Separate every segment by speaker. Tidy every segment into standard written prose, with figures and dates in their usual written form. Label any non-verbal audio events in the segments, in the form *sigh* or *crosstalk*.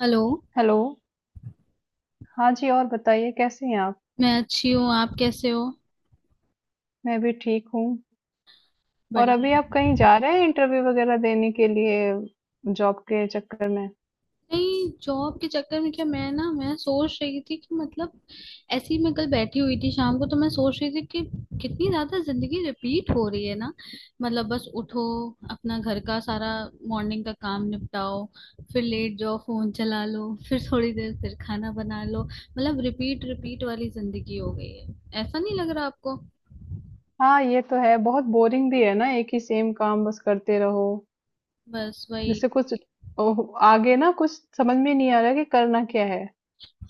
Speaker 1: Hello.
Speaker 2: Hello. हाँ जी, और बताइए कैसे हैं आप?
Speaker 1: मैं अच्छी हूँ, आप कैसे हो?
Speaker 2: मैं भी ठीक हूँ। और
Speaker 1: बढ़िया।
Speaker 2: अभी आप कहीं जा रहे हैं इंटरव्यू वगैरह देने के लिए जॉब के चक्कर में?
Speaker 1: नहीं, जॉब के चक्कर में क्या! मैं सोच रही थी कि मतलब ऐसे ही मैं कल बैठी हुई थी शाम को, तो मैं सोच रही थी कि कितनी ज्यादा जिंदगी रिपीट हो रही है ना। मतलब बस उठो, अपना घर का सारा मॉर्निंग का काम निपटाओ, फिर लेट जाओ, फोन चला लो फिर थोड़ी देर, फिर खाना बना लो। मतलब रिपीट रिपीट वाली जिंदगी हो गई है। ऐसा नहीं लग रहा आपको?
Speaker 2: हाँ, ये तो है। बहुत बोरिंग भी है ना, एक ही सेम काम बस करते रहो।
Speaker 1: बस वही।
Speaker 2: जैसे कुछ ओह, आगे ना कुछ समझ में नहीं आ रहा कि करना क्या है।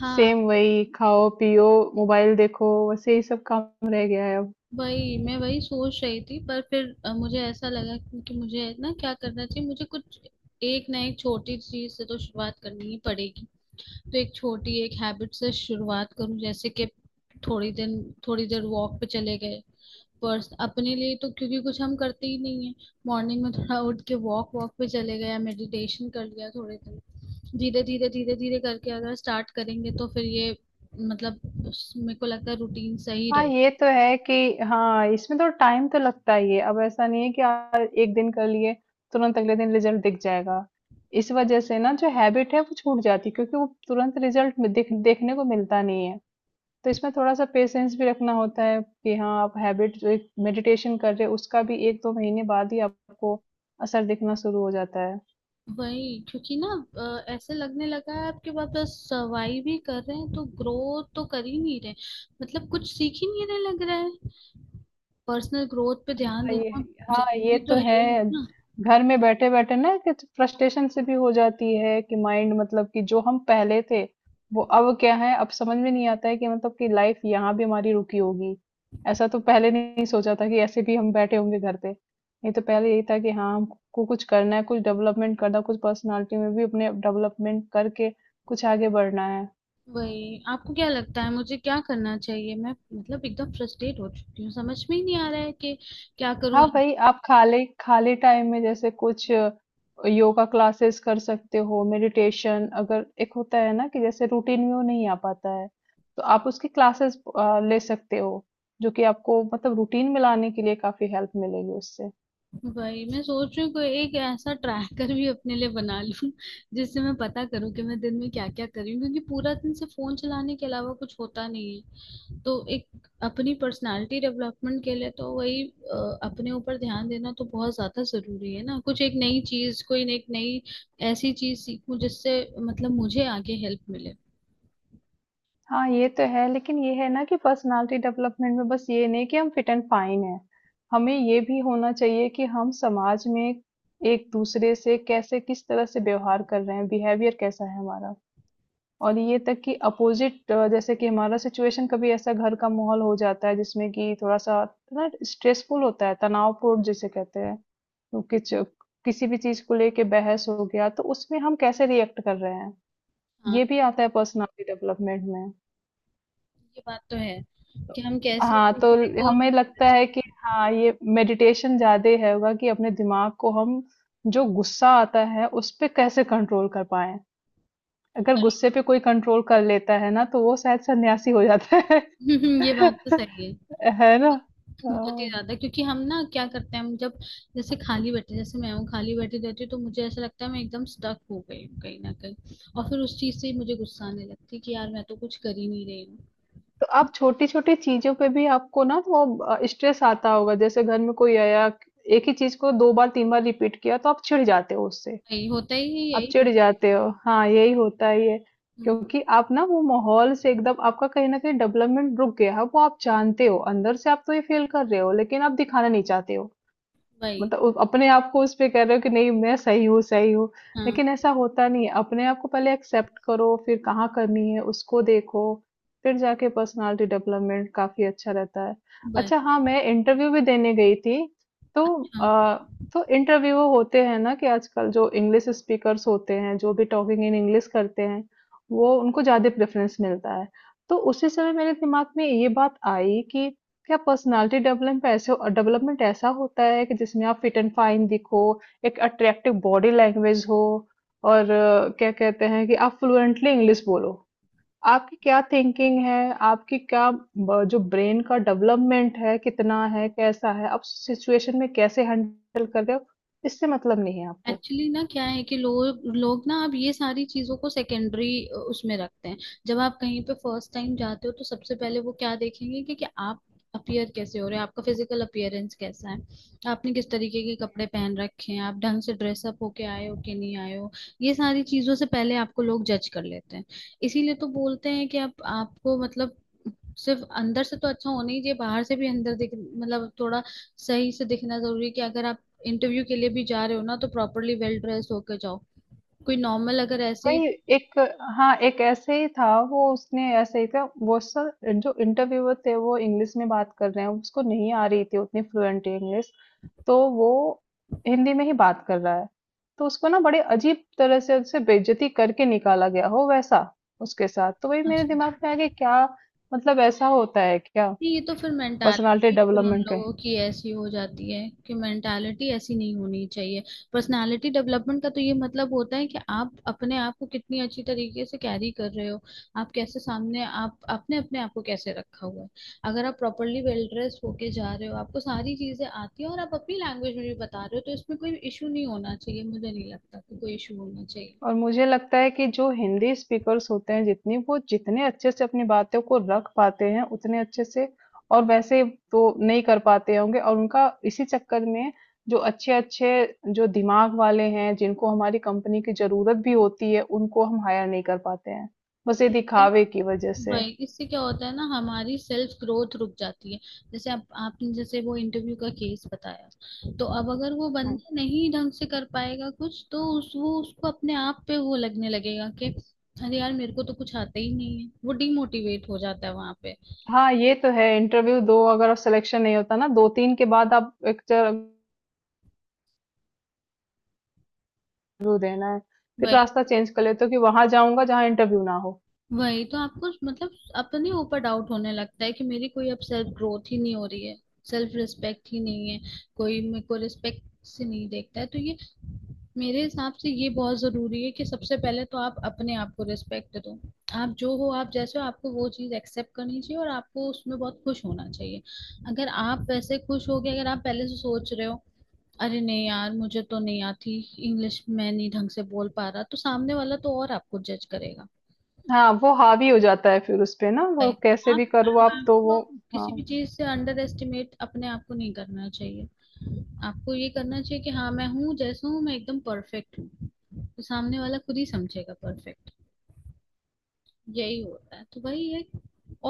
Speaker 1: हाँ।
Speaker 2: सेम वही खाओ, पियो, मोबाइल देखो, वैसे ही सब काम रह गया है अब।
Speaker 1: वही मैं वही सोच रही थी, पर फिर मुझे ऐसा लगा कि मुझे ना क्या करना चाहिए, मुझे कुछ एक ना एक छोटी चीज से तो शुरुआत करनी ही पड़ेगी। तो एक छोटी एक हैबिट से शुरुआत करूं, जैसे कि थोड़ी दिन थोड़ी देर वॉक पे चले गए, पर्स अपने लिए, तो क्योंकि कुछ हम करते ही नहीं है। मॉर्निंग में थोड़ा उठ के वॉक वॉक पे चले गए या मेडिटेशन कर लिया थोड़े दिन। धीरे धीरे धीरे धीरे करके अगर स्टार्ट करेंगे तो फिर ये मतलब मेरे को लगता है रूटीन सही
Speaker 2: हाँ
Speaker 1: रहे।
Speaker 2: ये तो है कि हाँ इसमें तो टाइम तो लगता ही है। अब ऐसा नहीं है कि यार एक दिन कर लिए तुरंत अगले दिन रिजल्ट दिख जाएगा। इस वजह से ना जो हैबिट है वो छूट जाती है, क्योंकि वो तुरंत रिजल्ट देखने को मिलता नहीं है। तो इसमें थोड़ा सा पेशेंस भी रखना होता है कि हाँ आप हैबिट जो मेडिटेशन कर रहे हो, उसका भी एक दो महीने बाद ही आपको असर दिखना शुरू हो जाता है।
Speaker 1: वही, क्योंकि ना ऐसे लगने लगा है आपके पास बस सर्वाइव ही कर रहे हैं, तो ग्रोथ तो कर ही नहीं रहे। मतलब कुछ सीख ही नहीं रहे लग रहा है। पर्सनल ग्रोथ पे ध्यान
Speaker 2: हाँ, ये
Speaker 1: देना
Speaker 2: हाँ ये
Speaker 1: जरूरी
Speaker 2: तो
Speaker 1: तो है ही
Speaker 2: है।
Speaker 1: ना।
Speaker 2: घर में बैठे बैठे ना कि तो फ्रस्ट्रेशन से भी हो जाती है कि माइंड, मतलब कि जो हम पहले थे वो अब क्या है, अब समझ में नहीं आता है कि मतलब कि लाइफ यहाँ भी हमारी रुकी होगी। ऐसा तो पहले नहीं सोचा था कि ऐसे भी हम बैठे होंगे घर पे, नहीं तो पहले यही था कि हाँ हमको कुछ करना है, कुछ डेवलपमेंट करना है, कुछ पर्सनालिटी में भी अपने डेवलपमेंट करके कुछ आगे बढ़ना है।
Speaker 1: वही, आपको क्या लगता है मुझे क्या करना चाहिए? मैं मतलब एकदम फ्रस्ट्रेट हो चुकी हूँ, समझ में ही नहीं आ रहा है कि क्या करूँ।
Speaker 2: हाँ भाई आप खाली खाली टाइम में जैसे कुछ योगा क्लासेस कर सकते हो। मेडिटेशन अगर एक होता है ना कि जैसे रूटीन में वो नहीं आ पाता है, तो आप उसकी क्लासेस ले सकते हो, जो कि आपको मतलब रूटीन में लाने के लिए काफी हेल्प मिलेगी उससे।
Speaker 1: वही मैं सोच रही हूँ कोई एक ऐसा ट्रैकर भी अपने लिए बना लूँ जिससे मैं पता करूँ कि मैं दिन में क्या क्या कर रही हूँ, क्योंकि पूरा दिन से फोन चलाने के अलावा कुछ होता नहीं है। तो एक अपनी पर्सनालिटी डेवलपमेंट के लिए तो वही अपने ऊपर ध्यान देना तो बहुत ज्यादा जरूरी है ना। कुछ एक नई चीज, कोई एक नई ऐसी चीज सीखूं जिससे मतलब मुझे आगे हेल्प मिले।
Speaker 2: हाँ ये तो है, लेकिन ये है ना कि पर्सनालिटी डेवलपमेंट में बस ये नहीं कि हम फिट एंड फाइन है। हमें ये भी होना चाहिए कि हम समाज में एक दूसरे से कैसे, किस तरह से व्यवहार कर रहे हैं, बिहेवियर कैसा है हमारा। और ये तक कि अपोज़िट जैसे कि हमारा सिचुएशन, कभी ऐसा घर का माहौल हो जाता है जिसमें कि थोड़ा-सा ना स्ट्रेसफुल होता है, तनावपूर्ण जिसे कहते हैं। तो किच किसी भी चीज़ को लेके बहस हो गया, तो उसमें हम कैसे रिएक्ट कर रहे हैं,
Speaker 1: हाँ,
Speaker 2: ये भी आता है पर्सनैलिटी डेवलपमेंट में।
Speaker 1: ये बात तो है कि हम कैसे
Speaker 2: हाँ, तो
Speaker 1: दूसरे को।
Speaker 2: हमें लगता है कि हाँ, ये मेडिटेशन ज़्यादा है, होगा कि अपने दिमाग को हम जो गुस्सा आता है, उस पे कैसे कंट्रोल कर पाएँ। अगर गुस्से पे कोई कंट्रोल कर लेता है ना, तो वो शायद सन्यासी हो जाता है।
Speaker 1: *laughs* ये बात तो सही है।
Speaker 2: *laughs* है ना?
Speaker 1: बहुत ही
Speaker 2: हाँ,
Speaker 1: ज्यादा, क्योंकि हम ना क्या करते हैं, हम जब जैसे खाली बैठे, जैसे मैं हूँ खाली बैठी रहती हूँ, तो मुझे ऐसा लगता है मैं एकदम स्टक हो गई हूँ कहीं ना कहीं। और फिर उस चीज से ही मुझे गुस्सा आने लगती है कि यार मैं तो कुछ कर ही नहीं रही हूँ।
Speaker 2: तो आप छोटी-छोटी चीज़ों पे भी आपको ना वो स्ट्रेस आता होगा। जैसे घर में कोई आया, एक ही चीज़ को 2 बार 3 बार रिपीट किया तो आप चिढ़ जाते हो उससे,
Speaker 1: वही होता ही है,
Speaker 2: आप
Speaker 1: यही
Speaker 2: चिढ़
Speaker 1: होता है।
Speaker 2: जाते हो। हाँ, यही होता ही है।
Speaker 1: हम्म।
Speaker 2: क्योंकि आप ना वो माहौल से एकदम आपका कहीं न कहीं डेवलपमेंट रुक गया है, वो आप जानते हो, अंदर से आप तो ये फ़ील कर रहे हो लेकिन आप दिखाना नहीं चाहते हो।
Speaker 1: वही।
Speaker 2: मतलब उ अपने आप को उस पे कह रहे हो कि नहीं मैं सही हूँ, सही हूँ।
Speaker 1: हाँ।
Speaker 2: लेकिन ऐसा होता नहीं है, अपने आप को पहले एक्सेप्ट करो, फिर कहाँ करनी है उसको देखो, फिर जाके पर्सनैलिटी डेवलपमेंट काफ़ी अच्छा रहता है। अच्छा
Speaker 1: वही।
Speaker 2: हाँ, मैं इंटरव्यू भी देने गई थी, तो
Speaker 1: अच्छा।
Speaker 2: तो इंटरव्यू होते हैं ना कि आजकल जो इंग्लिश स्पीकर्स होते हैं, जो भी टॉकिंग इन इंग्लिश करते हैं, वो उनको ज़्यादा प्रेफ़रेंस मिलता है। तो उसी समय मेरे दिमाग में ये बात आई कि क्या पर्सनालिटी डेवलपमेंट पे ऐसे डेवलपमेंट ऐसा होता है कि जिसमें आप फिट एंड फाइन दिखो, एक अट्रैक्टिव बॉडी लैंग्वेज हो, और क्या कहते हैं कि आप फ्लुएंटली इंग्लिश बोलो। आपकी क्या थिंकिंग है, आपकी क्या जो ब्रेन का डेवलपमेंट है कितना है कैसा है, आप सिचुएशन में कैसे हैंडल कर रहे हो, इससे मतलब नहीं है आपको।
Speaker 1: एक्चुअली ना क्या है कि लोग लोग ना अब ये सारी चीजों को सेकेंडरी उसमें रखते हैं। जब आप कहीं पे फर्स्ट टाइम जाते हो तो सबसे पहले वो क्या देखेंगे कि, आप अपियर कैसे हो रहे हो, आपका फिजिकल अपियरेंस कैसा है, आपने किस तरीके के कपड़े पहन रखे हैं, आप ढंग से ड्रेसअप होके आए हो कि नहीं आए हो। ये सारी चीजों से पहले आपको लोग जज कर लेते हैं। इसीलिए तो बोलते हैं कि आप आपको मतलब सिर्फ अंदर से तो अच्छा होना ही चाहिए, बाहर से भी अंदर दिख मतलब थोड़ा सही से दिखना जरूरी है कि अगर आप इंटरव्यू के लिए भी जा रहे हो ना, तो प्रॉपरली वेल ड्रेस होकर जाओ। कोई नॉर्मल अगर ऐसे ही।
Speaker 2: वही एक हाँ, एक ऐसे ही था, वो उसने ऐसे ही था। वो सर जो इंटरव्यूअर थे वो इंग्लिश में बात कर रहे हैं, उसको नहीं आ रही थी उतनी फ्लुएंट इंग्लिश, तो वो हिंदी में ही बात कर रहा है। तो उसको ना बड़े अजीब तरह से उससे बेइज्जती करके निकाला गया हो वैसा उसके साथ। तो वही मेरे
Speaker 1: अच्छा अच्छा।
Speaker 2: दिमाग में आ गया, क्या मतलब ऐसा होता है क्या?
Speaker 1: नहीं, ये तो फिर
Speaker 2: पर्सनालिटी
Speaker 1: मेंटालिटी फिर उन
Speaker 2: डेवलपमेंट।
Speaker 1: लोगों की ऐसी हो जाती है कि मेंटालिटी ऐसी नहीं होनी चाहिए। पर्सनालिटी डेवलपमेंट का तो ये मतलब होता है कि आप अपने आप को कितनी अच्छी तरीके से कैरी कर रहे हो, आप कैसे सामने आप आपने अपने आप को कैसे रखा हुआ है। अगर आप प्रॉपरली वेल ड्रेस होके जा रहे हो, आपको सारी चीजें आती है और आप अपनी लैंग्वेज में भी बता रहे हो, तो इसमें कोई इशू नहीं होना चाहिए, मुझे नहीं लगता कि कोई इशू होना
Speaker 2: और मुझे लगता है कि जो हिंदी स्पीकर्स होते हैं, जितनी वो, जितने अच्छे से अपनी बातों को रख पाते हैं उतने अच्छे से और वैसे तो नहीं कर पाते होंगे, और उनका इसी चक्कर में जो अच्छे-अच्छे, जो दिमाग वाले हैं जिनको हमारी कंपनी की ज़रूरत भी होती है, उनको हम हायर नहीं कर पाते हैं। बस ये
Speaker 1: चाहिए।
Speaker 2: दिखावे की वज़ह से।
Speaker 1: राइट, इससे क्या होता है ना हमारी सेल्फ ग्रोथ रुक जाती है। जैसे आप आपने जैसे वो इंटरव्यू का केस बताया, तो अब अगर वो
Speaker 2: हुँ।
Speaker 1: बंदा नहीं ढंग से कर पाएगा कुछ तो उस वो उसको अपने आप पे वो लगने लगेगा कि अरे यार मेरे को तो कुछ आता ही नहीं है, वो डिमोटिवेट हो जाता है वहां पे।
Speaker 2: हाँ, ये तो है। इंटरव्यू दो, अगर आप सिलेक्शन नहीं होता ना 2-3 के बाद, आप एक इंटरव्यू देना है। फिर
Speaker 1: वही।
Speaker 2: रास्ता चेंज कर लेते हो कि वहाँ जाऊँगा जहाँ इंटरव्यू ना हो।
Speaker 1: वही तो, आपको मतलब अपने ऊपर डाउट होने लगता है कि मेरी कोई अब सेल्फ ग्रोथ ही नहीं हो रही है, सेल्फ रिस्पेक्ट ही नहीं है, कोई मेरे को रिस्पेक्ट से नहीं देखता है। तो ये मेरे हिसाब से ये बहुत जरूरी है कि सबसे पहले तो आप अपने आप को रिस्पेक्ट दो। आप जो हो आप जैसे हो, आपको वो चीज एक्सेप्ट करनी चाहिए और आपको उसमें बहुत खुश होना चाहिए। अगर आप वैसे खुश हो गए, अगर आप पहले से सोच रहे हो अरे नहीं यार मुझे तो नहीं आती इंग्लिश, मैं नहीं ढंग से बोल पा रहा, तो सामने वाला तो और आपको जज करेगा।
Speaker 2: हाँ वो हावी हो जाता है, फिर उस पे ना वो
Speaker 1: Right, तो
Speaker 2: कैसे भी
Speaker 1: आप
Speaker 2: करो आप तो
Speaker 1: आपको
Speaker 2: वो। हाँ,
Speaker 1: किसी भी चीज से अंडर एस्टिमेट अपने आप को नहीं करना चाहिए। आपको ये करना चाहिए कि हाँ, मैं हूँ जैसा हूँ मैं एकदम परफेक्ट हूँ, तो सामने वाला खुद ही समझेगा परफेक्ट। यही होता है, तो वही है।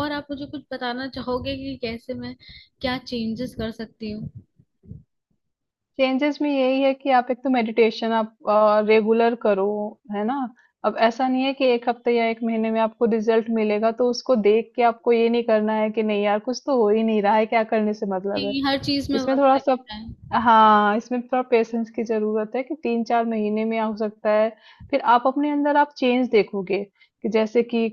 Speaker 1: और आप मुझे कुछ बताना चाहोगे कि कैसे मैं क्या चेंजेस कर सकती हूँ?
Speaker 2: चेंजेस में यही है कि आप एक तो मेडिटेशन आप रेगुलर करो, है ना। अब ऐसा नहीं है कि एक हफ्ते या एक महीने में आपको रिजल्ट मिलेगा, तो उसको देख के आपको ये नहीं करना है कि नहीं यार कुछ तो हो ही नहीं रहा है, क्या करने से मतलब है।
Speaker 1: नहीं, हर चीज में
Speaker 2: इसमें
Speaker 1: वर्क
Speaker 2: थोड़ा सा,
Speaker 1: लगता है।
Speaker 2: हाँ, इसमें थोड़ा पेशेंस की ज़रूरत है कि 3-4 महीने में हो सकता है। फिर आप अपने अंदर आप चेंज देखोगे, कि जैसे कि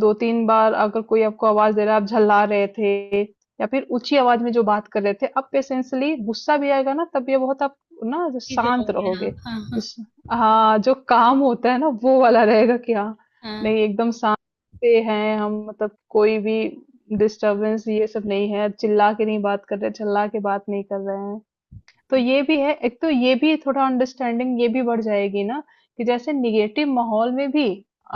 Speaker 2: 2-3 बार अगर कोई आपको आवाज़ दे रहा है, आप झल्ला रहे थे या फिर ऊँची आवाज़ में जो बात कर रहे थे, अब पेशेंसली गुस्सा भी आएगा ना, तब ये बहुत आप ना
Speaker 1: जी,
Speaker 2: शांत
Speaker 1: चलोगे
Speaker 2: रहोगे।
Speaker 1: आप। हाँ हाँ।
Speaker 2: जिस, हाँ, जो काम होता है ना, वो वाला रहेगा कि हाँ,
Speaker 1: हाँ।
Speaker 2: नहीं एकदम शांत से हैं हम, मतलब कोई भी डिस्टर्बेंस ये सब नहीं है, चिल्ला के नहीं बात कर रहे, चिल्ला के बात नहीं कर रहे हैं। तो ये भी है, एक तो ये भी थोड़ा अंडरस्टैंडिंग ये भी बढ़ जाएगी ना, कि जैसे निगेटिव माहौल में भी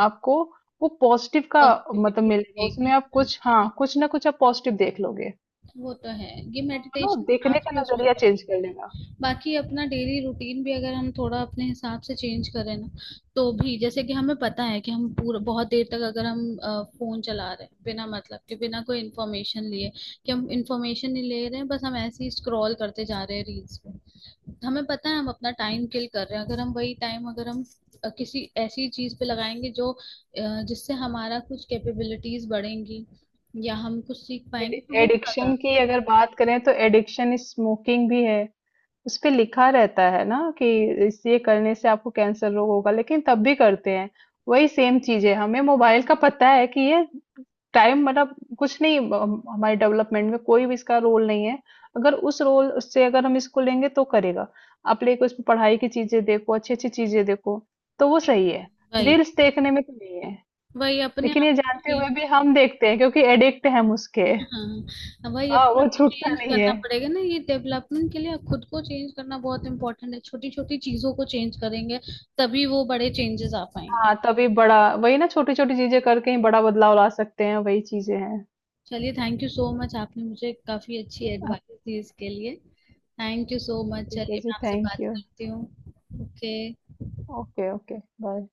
Speaker 2: आपको वो पॉजिटिव का मतलब
Speaker 1: पॉजिटिविटी
Speaker 2: मिलेगा, उसमें
Speaker 1: दिखेगी।
Speaker 2: आप कुछ हाँ, कुछ ना कुछ आप पॉजिटिव देख लोगे।
Speaker 1: वो तो है, ये
Speaker 2: है ना,
Speaker 1: मेडिटेशन से
Speaker 2: देखने का
Speaker 1: काफी उसमें
Speaker 2: नजरिया
Speaker 1: फर्क
Speaker 2: चेंज कर
Speaker 1: पड़ता
Speaker 2: लेगा।
Speaker 1: है। बाकी अपना डेली रूटीन भी अगर हम थोड़ा अपने हिसाब से चेंज करें ना तो भी, जैसे कि हमें पता है कि हम पूरा बहुत देर तक अगर हम फोन चला रहे हैं बिना मतलब के, बिना कोई इन्फॉर्मेशन लिए कि हम इन्फॉर्मेशन नहीं ले रहे हैं, बस हम ऐसे ही स्क्रॉल करते जा रहे हैं रील्स पे, हमें पता है हम अपना टाइम किल कर रहे हैं। अगर हम वही टाइम अगर हम किसी ऐसी चीज पे लगाएंगे जो जिससे हमारा कुछ कैपेबिलिटीज बढ़ेंगी या हम कुछ सीख पाएंगे, तो वो ज्यादा।
Speaker 2: एडिक्शन की अगर बात करें तो एडिक्शन स्मोकिंग भी है, उसपे लिखा रहता है ना कि इस ये करने से आपको कैंसर रोग होगा, लेकिन तब भी करते हैं। वही सेम चीज है, हमें मोबाइल का पता है कि ये टाइम मतलब कुछ नहीं, हमारे डेवलपमेंट में कोई भी इसका रोल नहीं है। अगर उस रोल उससे अगर हम इसको लेंगे तो करेगा, आप लेके उसमें पढ़ाई की चीजें देखो, अच्छी अच्छी चीजें देखो, तो वो सही है।
Speaker 1: वही।
Speaker 2: रील्स देखने में तो नहीं है।
Speaker 1: वही अपने
Speaker 2: लेकिन
Speaker 1: आप
Speaker 2: ये
Speaker 1: को
Speaker 2: जानते
Speaker 1: चेंज
Speaker 2: हुए भी
Speaker 1: करना
Speaker 2: हम देखते हैं क्योंकि एडिक्ट हैं हम उसके।
Speaker 1: हाँ, वही
Speaker 2: हाँ
Speaker 1: अपने
Speaker 2: वो
Speaker 1: आप को
Speaker 2: छूटता
Speaker 1: चेंज
Speaker 2: नहीं है।
Speaker 1: करना पड़ेगा ना, ये डेवलपमेंट के लिए खुद को चेंज करना बहुत इंपॉर्टेंट है। छोटी छोटी चीजों को चेंज करेंगे तभी वो बड़े चेंजेस आ पाएंगे।
Speaker 2: हाँ तभी बड़ा, वही ना छोटी छोटी चीजें करके ही बड़ा बदलाव ला सकते हैं, वही चीजें हैं।
Speaker 1: चलिए थैंक यू सो मच, आपने मुझे काफी अच्छी
Speaker 2: हाँ,
Speaker 1: एडवाइस दी इसके लिए। थैंक यू सो मच,
Speaker 2: ठीक है
Speaker 1: चलिए
Speaker 2: जी,
Speaker 1: मैं आपसे
Speaker 2: थैंक
Speaker 1: बात
Speaker 2: यू।
Speaker 1: करती हूँ। ओके।
Speaker 2: Okay okay bye.